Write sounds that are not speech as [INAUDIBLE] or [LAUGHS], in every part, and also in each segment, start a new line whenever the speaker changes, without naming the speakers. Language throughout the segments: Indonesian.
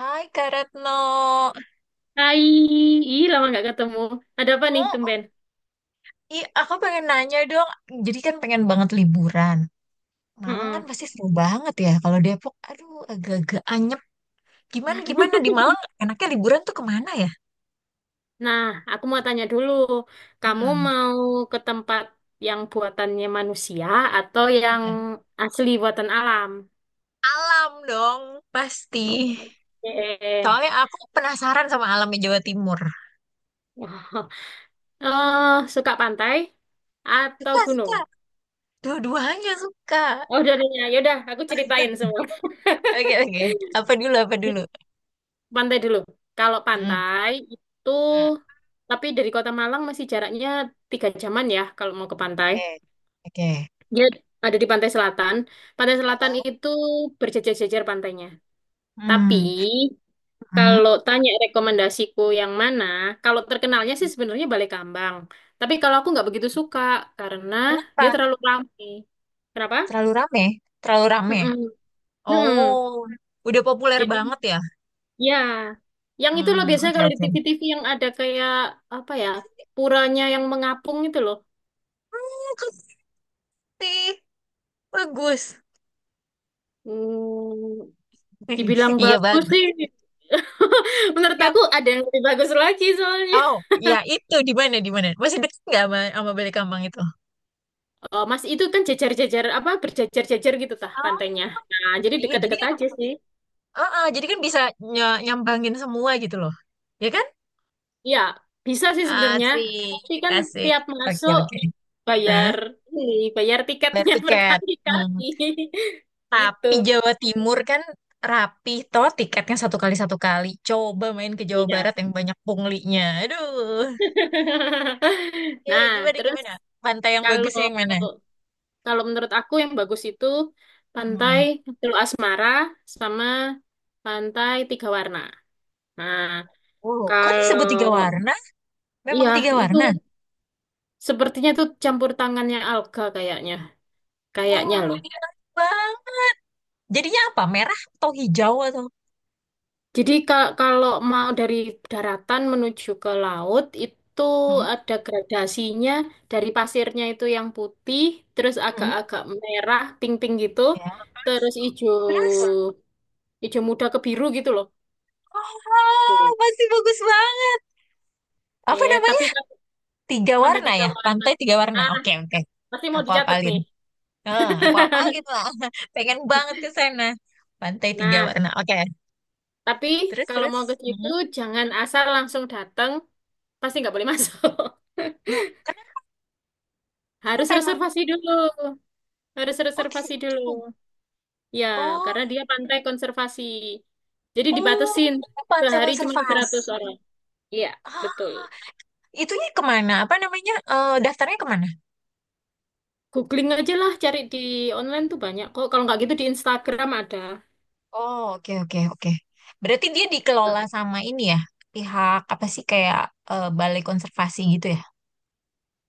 Hai Kak Retno,
Hai, ih lama nggak ketemu. Ada apa nih,
oh
tumben?
iya aku pengen nanya dong. Jadi kan pengen banget liburan. Malang kan
Mm-mm.
pasti seru banget ya. Kalau Depok, aduh agak-agak anyep. Gimana gimana di Malang enaknya liburan tuh kemana ya?
Nah, aku mau tanya dulu, kamu
Hmm.
mau ke tempat yang buatannya manusia atau yang
Mm.
asli buatan alam?
Alam dong pasti.
Oke.
Soalnya aku penasaran sama alamnya Jawa Timur.
[LAUGHS] Eh, suka pantai atau
Suka
gunung?
suka. Dua-duanya suka.
Oh, udah, ya udah, aku ceritain semua. [LAUGHS]
Oke oke. Apa dulu apa dulu?
Pantai dulu. Kalau
Hmm.
pantai itu,
Hmm.
tapi dari Kota Malang masih jaraknya 3 jaman ya kalau mau ke pantai.
Oke oke.
Dia ada di pantai selatan. Pantai selatan
Heeh.
itu berjejer-jejer pantainya. Tapi
Hmm. Hmm.
kalau tanya rekomendasiku yang mana, kalau terkenalnya sih sebenarnya Balai Kambang. Tapi kalau aku nggak begitu suka karena dia
Kenapa?
terlalu ramai. Kenapa?
Terlalu rame, terlalu rame.
Mm-mm. Mm-mm.
Oh, udah populer
Jadi
banget ya?
ya, yang itu loh
Hmm,
biasanya
oke
kalau di
oke.
TV-TV yang ada kayak apa ya, puranya yang mengapung itu loh.
Bagus sih, bagus.
Hmm, dibilang
[LAUGHS] Iya
bagus
bagus.
sih. [LAUGHS] Menurut
Ya,
aku ada yang lebih bagus lagi soalnya.
oh, ya itu di mana di mana? Masih deket nggak sama Balekambang itu?
Oh, Mas itu kan jejer-jejer apa berjejer-jejer gitu tah
Oh,
pantainya. Nah, jadi
iya. Jadi
dekat-dekat
kan,
aja sih.
ah, ah, jadi kan bisa nyambangin semua gitu loh, ya kan?
Iya, bisa sih sebenarnya.
Asik,
Tapi kan
asik.
tiap
Oke
masuk
oke. Hah?
bayar ini, bayar
Bayar
tiketnya [LAUGHS]
tiket.
berkali-kali.
Tapi
Itu.
Jawa Timur kan rapi toh tiketnya satu kali satu kali. Coba main ke Jawa
Iya.
Barat yang banyak punglinya. Aduh.
[LAUGHS]
Iya, iya,
Nah,
gimana
terus
gimana? Pantai yang
kalau
bagusnya yang mana?
kalau menurut aku yang bagus itu pantai
Hmm.
Teluk Asmara sama pantai Tiga Warna. Nah,
Oh, kok disebut tiga
kalau
warna? Memang
iya
tiga
itu
warna?
sepertinya itu campur tangannya alga kayaknya, kayaknya
Wah,
loh.
enak banget. Jadinya apa? Merah atau hijau atau?
Jadi kalau mau dari daratan menuju ke laut itu
Hmm.
ada gradasinya dari pasirnya itu yang putih, terus
Hmm.
agak-agak merah, pink-pink gitu,
Ya.
terus hijau
Terus,
hijau muda ke biru gitu loh.
oh,
Tuh.
masih bagus banget. Apa
Eh,
namanya?
tapi kan
Tiga
pantai
warna
tiga
ya?
warna.
Pantai tiga warna.
Ah,
Oke, oke.
pasti mau
Aku
dicatat
apalin.
nih.
Ah, aku apalin
[LAUGHS]
lah. [LAUGHS] Pengen banget ke sana. Pantai Tiga
Nah,
Warna. Oke.
tapi
Terus,
kalau
terus.
mau ke situ
Mhm.
jangan asal langsung datang, pasti nggak boleh masuk. [LAUGHS]
Loh, kenapa,
Harus
kenapa emang?
reservasi dulu. Harus
Oh,
reservasi dulu.
gitu.
Ya,
Oh,
karena dia pantai konservasi. Jadi
oh,
dibatasin
pantai
sehari cuma 100
konservasi.
orang. Iya,
Ah,
betul.
itunya kemana? Apa namanya? Eh, daftarnya kemana?
Googling aja lah cari di online tuh banyak kok. Kalau nggak gitu di Instagram ada.
Oh, oke, oke, oke. Berarti dia
Nah,
dikelola sama ini ya? Pihak apa sih kayak balai konservasi gitu ya?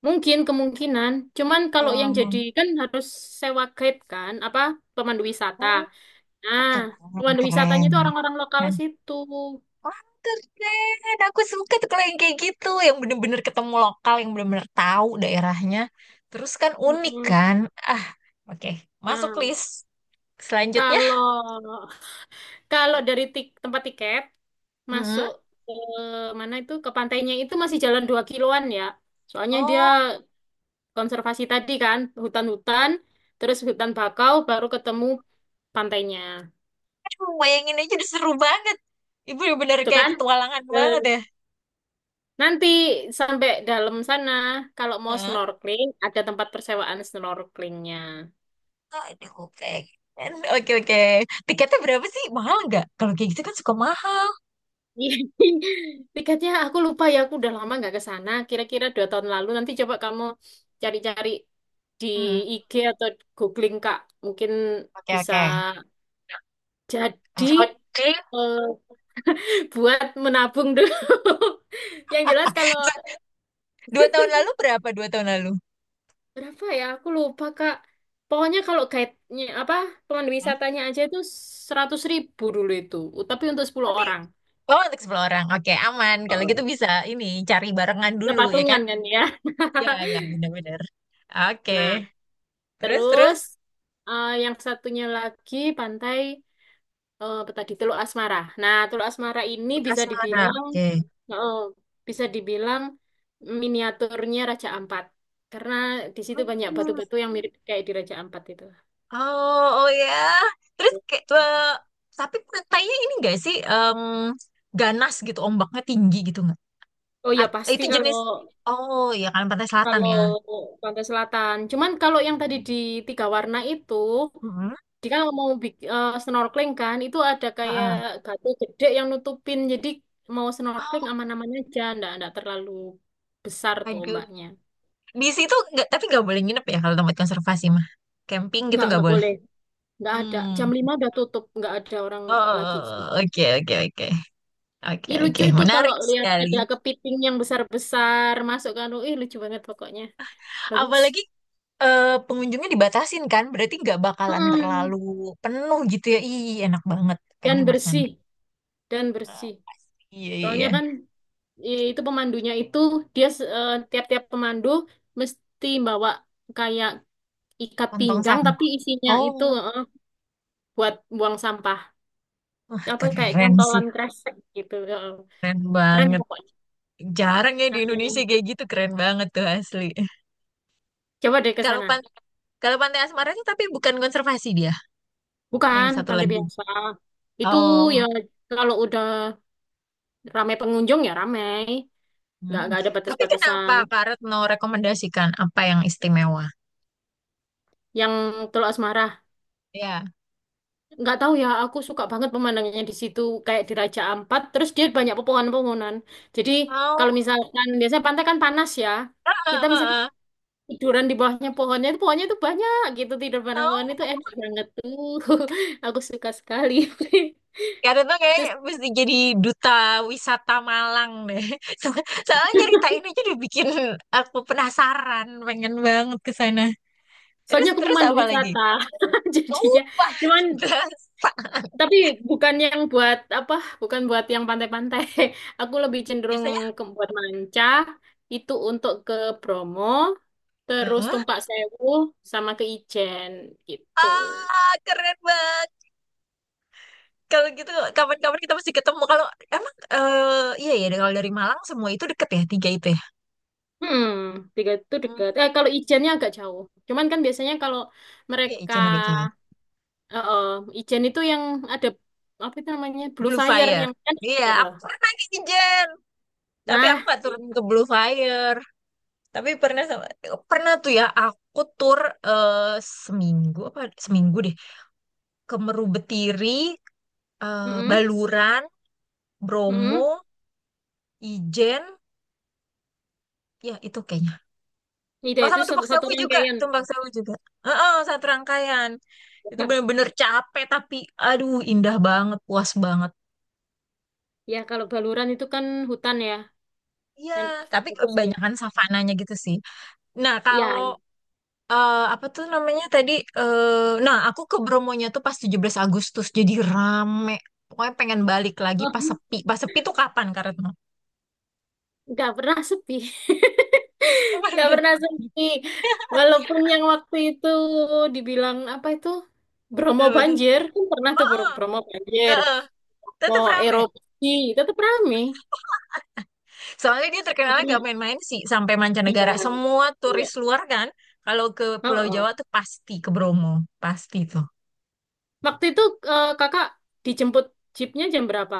mungkin kemungkinan. Cuman kalau yang jadi
Oh,
kan harus sewa guide kan, apa pemandu wisata.
oh,
Nah,
keren,
pemandu wisatanya
keren.
itu orang-orang lokal situ.
Wah, keren. Aku suka tuh kalau yang kayak gitu, yang bener-bener ketemu lokal, yang bener-bener tahu daerahnya. Terus kan unik
Mm-mm.
kan? Ah, oke. Masuk
Nah,
list selanjutnya.
kalau kalau dari tempat tiket masuk
Mm-mm.
ke mana itu ke pantainya itu masih jalan 2 kiloan ya. Soalnya dia
Oh,
konservasi tadi kan, hutan-hutan, terus hutan bakau baru ketemu pantainya.
aduh, bayangin aja udah seru banget. Ibu bener-bener
Itu
kayak
kan?
petualangan
Eh,
banget ya.
nanti sampai dalam sana kalau mau
Heeh.
snorkeling ada tempat persewaan snorkelingnya.
Aduh, pengen. Oke, oke. Tiketnya berapa sih? Mahal nggak? Kalau kayak gitu kan suka mahal.
[LAUGHS] Tiketnya aku lupa ya, aku udah lama nggak ke sana. Kira-kira 2 tahun lalu. Nanti coba kamu cari-cari di
Hmm.
IG atau googling Kak, mungkin
Oke,
bisa
oke. Oh.
jadi
Kalau
eh, [LAUGHS] buat menabung dulu. [LAUGHS] Yang jelas kalau
dua, 2 tahun lalu berapa? 2 tahun lalu?
berapa ya? Aku lupa Kak. Pokoknya kalau guide-nya apa pemandu
Hmm?
wisatanya aja itu 100 ribu dulu itu. Tapi untuk 10
Tapi
orang.
oh, untuk 10 orang. Oke, aman. Kalau gitu
Oh.
bisa ini cari barengan
Kita
dulu ya kan?
patungan kan ya. [LAUGHS]
Ya, ya, benar-benar. Oke.
Nah,
Terus, terus.
terus yang satunya lagi pantai. Apa tadi Teluk Asmara. Nah, Teluk Asmara ini
Untuk asmara. Oke.
eh, bisa dibilang miniaturnya Raja Ampat karena di situ banyak
Hmm.
batu-batu yang mirip kayak di Raja Ampat itu.
Oh, oh ya. Terus kayak tapi pantainya ini enggak sih ganas gitu, ombaknya tinggi gitu nggak?
Oh ya pasti
Itu
kalau
jenis. Oh, ya kan pantai selatan
kalau
ya.
pantai selatan. Cuman kalau yang tadi di tiga warna itu,
Heeh.
jika mau snorkeling kan, itu ada kayak
Heeh.
batu gede yang nutupin. Jadi mau snorkeling
Oh,
aman-aman aja, ndak ndak terlalu besar tuh
aduh.
ombaknya.
Di situ nggak, tapi nggak boleh nginep ya kalau tempat konservasi mah. Camping gitu
Nggak
nggak
nggak
boleh.
boleh. Nggak ada. Jam
Hmm.
5 udah tutup, nggak ada orang
Oh, oh,
lagi.
oh, oh, oh. Oke, oke, oke, oke,
Ih
oke,
lucu itu kalau
menarik
lihat ada
sekali.
kepiting yang besar-besar masuk ke anu. Ih lucu banget pokoknya. Bagus.
Apalagi pengunjungnya dibatasin kan, berarti nggak bakalan terlalu
Mm.
penuh gitu ya. Ih, enak banget,
Dan
pengen ke sana
bersih, dan bersih.
pasti. Iya, iya,
Soalnya
iya.
kan itu pemandunya itu dia tiap-tiap pemandu mesti bawa kayak ikat
Kantong
pinggang tapi
sampah.
isinya itu
Oh,
buat buang sampah.
wah
Apa kayak
keren sih,
cantolan kresek gitu. Eh.
keren
Keren
banget.
pokoknya.
Jarang ya di
Nah,
Indonesia kayak gitu, keren banget tuh asli.
coba deh ke
Kalau pan,
sana.
kalau Pantai Asmara itu tapi bukan konservasi dia, yang
Bukan
satu
pantai
lagi.
biasa. Itu ya
Oh,
kalau udah ramai pengunjung ya ramai.
hmm.
Nggak ada
Tapi kenapa
batas-batasan.
Kak Retno rekomendasikan apa yang istimewa?
Yang Teluk Asmara,
Ya.
nggak tahu ya. Aku suka banget pemandangannya di situ. Kayak di Raja Ampat. Terus dia banyak pepohonan-pepohonan. Jadi
Mau,
kalau misalkan biasanya pantai kan panas ya.
heeh,
Kita misalkan
heeh.
tiduran di bawahnya pohonnya itu banyak gitu tidur bareng pohon itu
Mau.
enak banget tuh. [LAUGHS] Aku suka sekali. [LAUGHS]
Karena tuh
Terus
kayaknya mesti jadi duta wisata Malang deh. [LAUGHS] So- Soalnya cerita ini tuh udah bikin aku penasaran, pengen banget ke sana. Terus
soalnya aku
terus
pemandu
apa lagi?
wisata [LAUGHS] jadinya.
Tumpah
Cuman
berasa. [LAUGHS]
tapi bukan yang buat apa, bukan buat yang pantai-pantai. [LAUGHS] Aku lebih cenderung
Biasanya,
ke buat manca, itu untuk ke Bromo, terus
heeh.
Tumpak Sewu, sama ke Ijen gitu.
Ah, keren banget. Kalau gitu kapan-kapan kita mesti ketemu. Kalau emang iya ya kalau dari Malang semua itu deket ya tiga itu ya.
Hmm, tiga itu
Hmm,
dekat. Eh, kalau Ijennya agak jauh. Cuman kan biasanya kalau
iya,
mereka
Ijen belum
eh, eh, Ijen itu yang ada apa itu namanya Blue
Blue
Fire
Fire.
yang kan.
Iya,
eh, eh.
aku pernah ke Ijen. Tapi
Nah,
aku nggak turun
itu.
ke Blue Fire. Tapi pernah tuh ya aku tur eh, seminggu apa seminggu deh ke Meru Betiri, eh,
Mm-mm,
Baluran,
mm-mm.
Bromo, Ijen, ya itu kayaknya.
Itu
Oh
itu
sama
satu,
Tumpak
satu
Sewu juga,
rangkaian.
Tumpak Sewu juga. Heeh, satu rangkaian. Itu
[LAUGHS]
bener-bener capek tapi aduh indah banget, puas banget.
Ya, kalau Baluran itu kan hutan ya.
Iya,
Dan
tapi
bagus deh.
kebanyakan savananya gitu sih. Nah,
Ya,
kalau apa tuh namanya tadi? Nah, aku ke Bromonya tuh pas 17 Agustus, jadi rame. Pokoknya pengen balik lagi pas
oh, [LAUGHS]
sepi. Pas sepi tuh kapan, Kak Retno?
nggak pernah sepi. [LAUGHS] Nggak pernah
[LAUGHS]
sepi. Walaupun yang waktu itu dibilang apa itu Bromo
Nah, betul.
banjir, kan pernah
Oh,
tuh
oh,
Bromo
eh,
banjir.
eh,
Mau
tetap rame.
erupsi, tetap rame.
Soalnya dia
Nggak
terkenalnya
pernah.
gak main-main sih sampai
Iya,
mancanegara. Semua
iya.
turis luar kan, kalau ke
Oh,
Pulau Jawa
oh.
tuh pasti ke Bromo, pasti tuh.
Waktu itu kakak dijemput jeepnya jam berapa?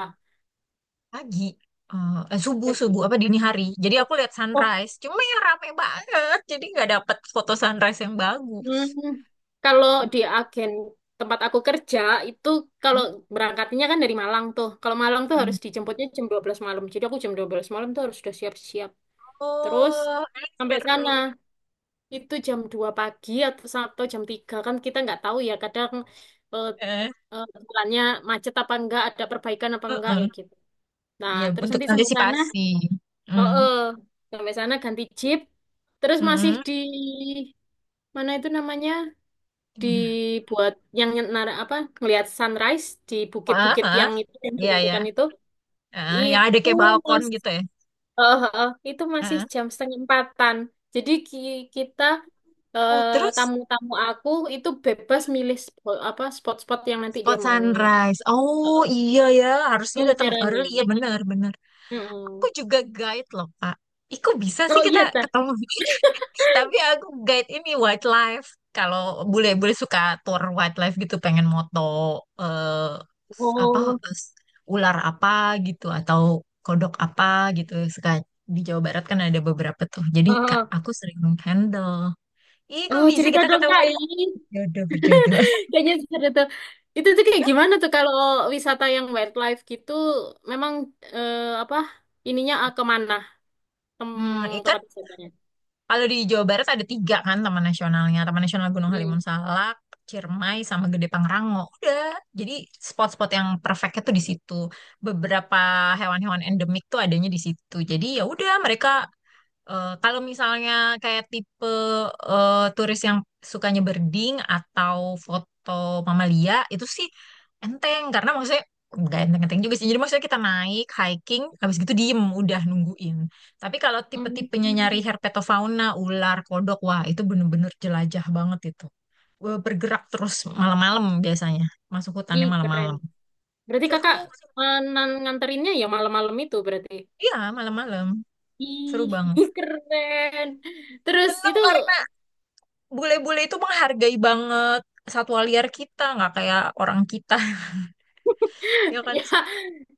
Pagi, subuh subuh
Pagi.
apa dini hari. Jadi aku lihat
Oh.
sunrise. Cuma yang rame banget, jadi nggak dapet foto sunrise yang bagus.
Hmm, kalau di agen tempat aku kerja itu kalau berangkatnya kan dari Malang tuh. Kalau Malang tuh
Hmm.
harus dijemputnya jam 12 malam. Jadi aku jam 12 malam tuh harus sudah siap-siap. Terus
Oh,
sampai sana
seru
itu jam 2 pagi atau jam 3 kan kita nggak tahu ya kadang eh,
ya.
jalannya macet apa enggak, ada perbaikan apa enggak
Heeh.
kayak gitu. Nah,
Iya,
terus
untuk
nanti sampai sana,
antisipasi.
oh,
Mm.
sampai sana ganti jeep, terus masih
Mm-mm.
di mana itu namanya?
Gimana?
Dibuat yang nara apa ngelihat sunrise di
Wah,
bukit-bukit
ah.
yang itu yang
Iya, ya.
ditentukan
Yang ada
itu
kayak balkon
mas
gitu ya.
itu masih
Ah.
jam setengah empatan jadi kita
Oh, terus
tamu-tamu aku itu bebas milih apa spot-spot yang nanti dia
spot
mau
sunrise. Oh,
eh,
iya ya, harusnya
itu
datang
caranya.
early ya, benar, benar. Aku
Mm-mm.
juga guide loh, Kak. Iku bisa sih
Oh,
kita
iya, Teh.
ketemu. [LAUGHS] Tapi aku guide ini wildlife. Kalau bule-bule suka tour wildlife gitu, pengen moto eh, apa
Oh.
s- ular apa gitu atau kodok apa gitu. Suka di Jawa Barat kan ada beberapa tuh. Jadi
eh,
Kak,
eh.
aku sering handle. Ih, kok
Oh,
bisa
cerita
kita
dong,
ketemu
Kak.
ya? Jodoh berjodoh.
Kayaknya seru tuh. Itu tuh kayak
[LAUGHS]
gimana tuh kalau wisata yang wildlife gitu, memang eh, apa ininya kemana tem
Hmm, itu.
tempat wisatanya?
Kalau di Jawa Barat ada tiga kan taman nasionalnya. Taman Nasional Gunung
Hmm.
Halimun Salak, Ciremai, sama Gede Pangrango. Udah. Jadi spot-spot yang perfectnya tuh di situ. Beberapa hewan-hewan endemik tuh adanya di situ. Jadi ya udah mereka. Eh, kalau misalnya kayak tipe turis yang sukanya berding atau foto mamalia itu sih enteng karena maksudnya nggak enteng-enteng juga sih. Jadi maksudnya kita naik hiking, habis gitu diem udah nungguin. Tapi kalau tipe-tipenya nyari
Hmm.
herpetofauna, ular, kodok, wah itu bener-bener jelajah banget itu. Eh, bergerak terus malam-malam biasanya, masuk
Ih,
hutannya
keren.
malam-malam.
Berarti
Seru,
kakak nganterinnya ya malam-malam itu berarti.
iya malam-malam, seru
Ih,
banget.
[LAUGHS] keren. Terus
Seneng
itu
kan? Bule-bule itu menghargai banget satwa liar kita, nggak kayak orang kita, [LAUGHS] ya
[LAUGHS]
kan?
ya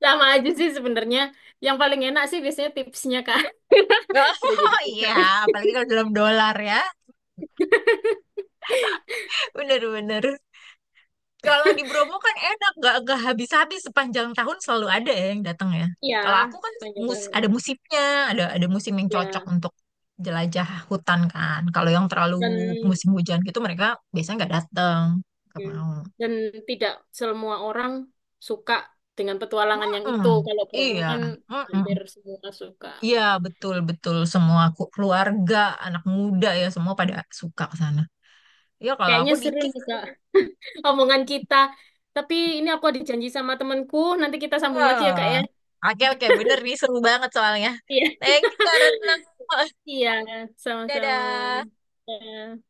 sama aja
Hmm.
sih sebenarnya. Yang paling enak sih biasanya tipsnya Kak. [LAUGHS]
[LAUGHS]
Kita jadi
Oh iya,
gratis.
apalagi kalau dalam dolar ya. Bener-bener. Kalau di Bromo kan enak, nggak habis-habis sepanjang tahun selalu ada ya yang datang ya.
Ya,
Kalau aku kan
sepanjang tahun.
ada musimnya, ada musim yang cocok
Ya,
untuk jelajah hutan kan. Kalau yang
dan
terlalu musim hujan gitu mereka biasanya nggak datang, nggak
ya.
mau.
Dan tidak semua orang suka dengan petualangan yang itu.
Mm-mm.
Kalau Bromo
Iya.
kan hampir
Mm-mm.
semua suka.
Iya, betul-betul semua keluarga, anak muda ya semua pada suka ke sana. Ya kalau
Kayaknya
aku
seru
dikit.
nih Kak, [LAUGHS] omongan kita. Tapi ini aku ada janji sama temanku, nanti kita sambung lagi ya Kak
Ah.
ya.
Oke, oke, bener nih seru banget soalnya.
Iya,
Thank you, Kak Retno. [LAUGHS]
iya, sama-sama.
Dadah.
Ya.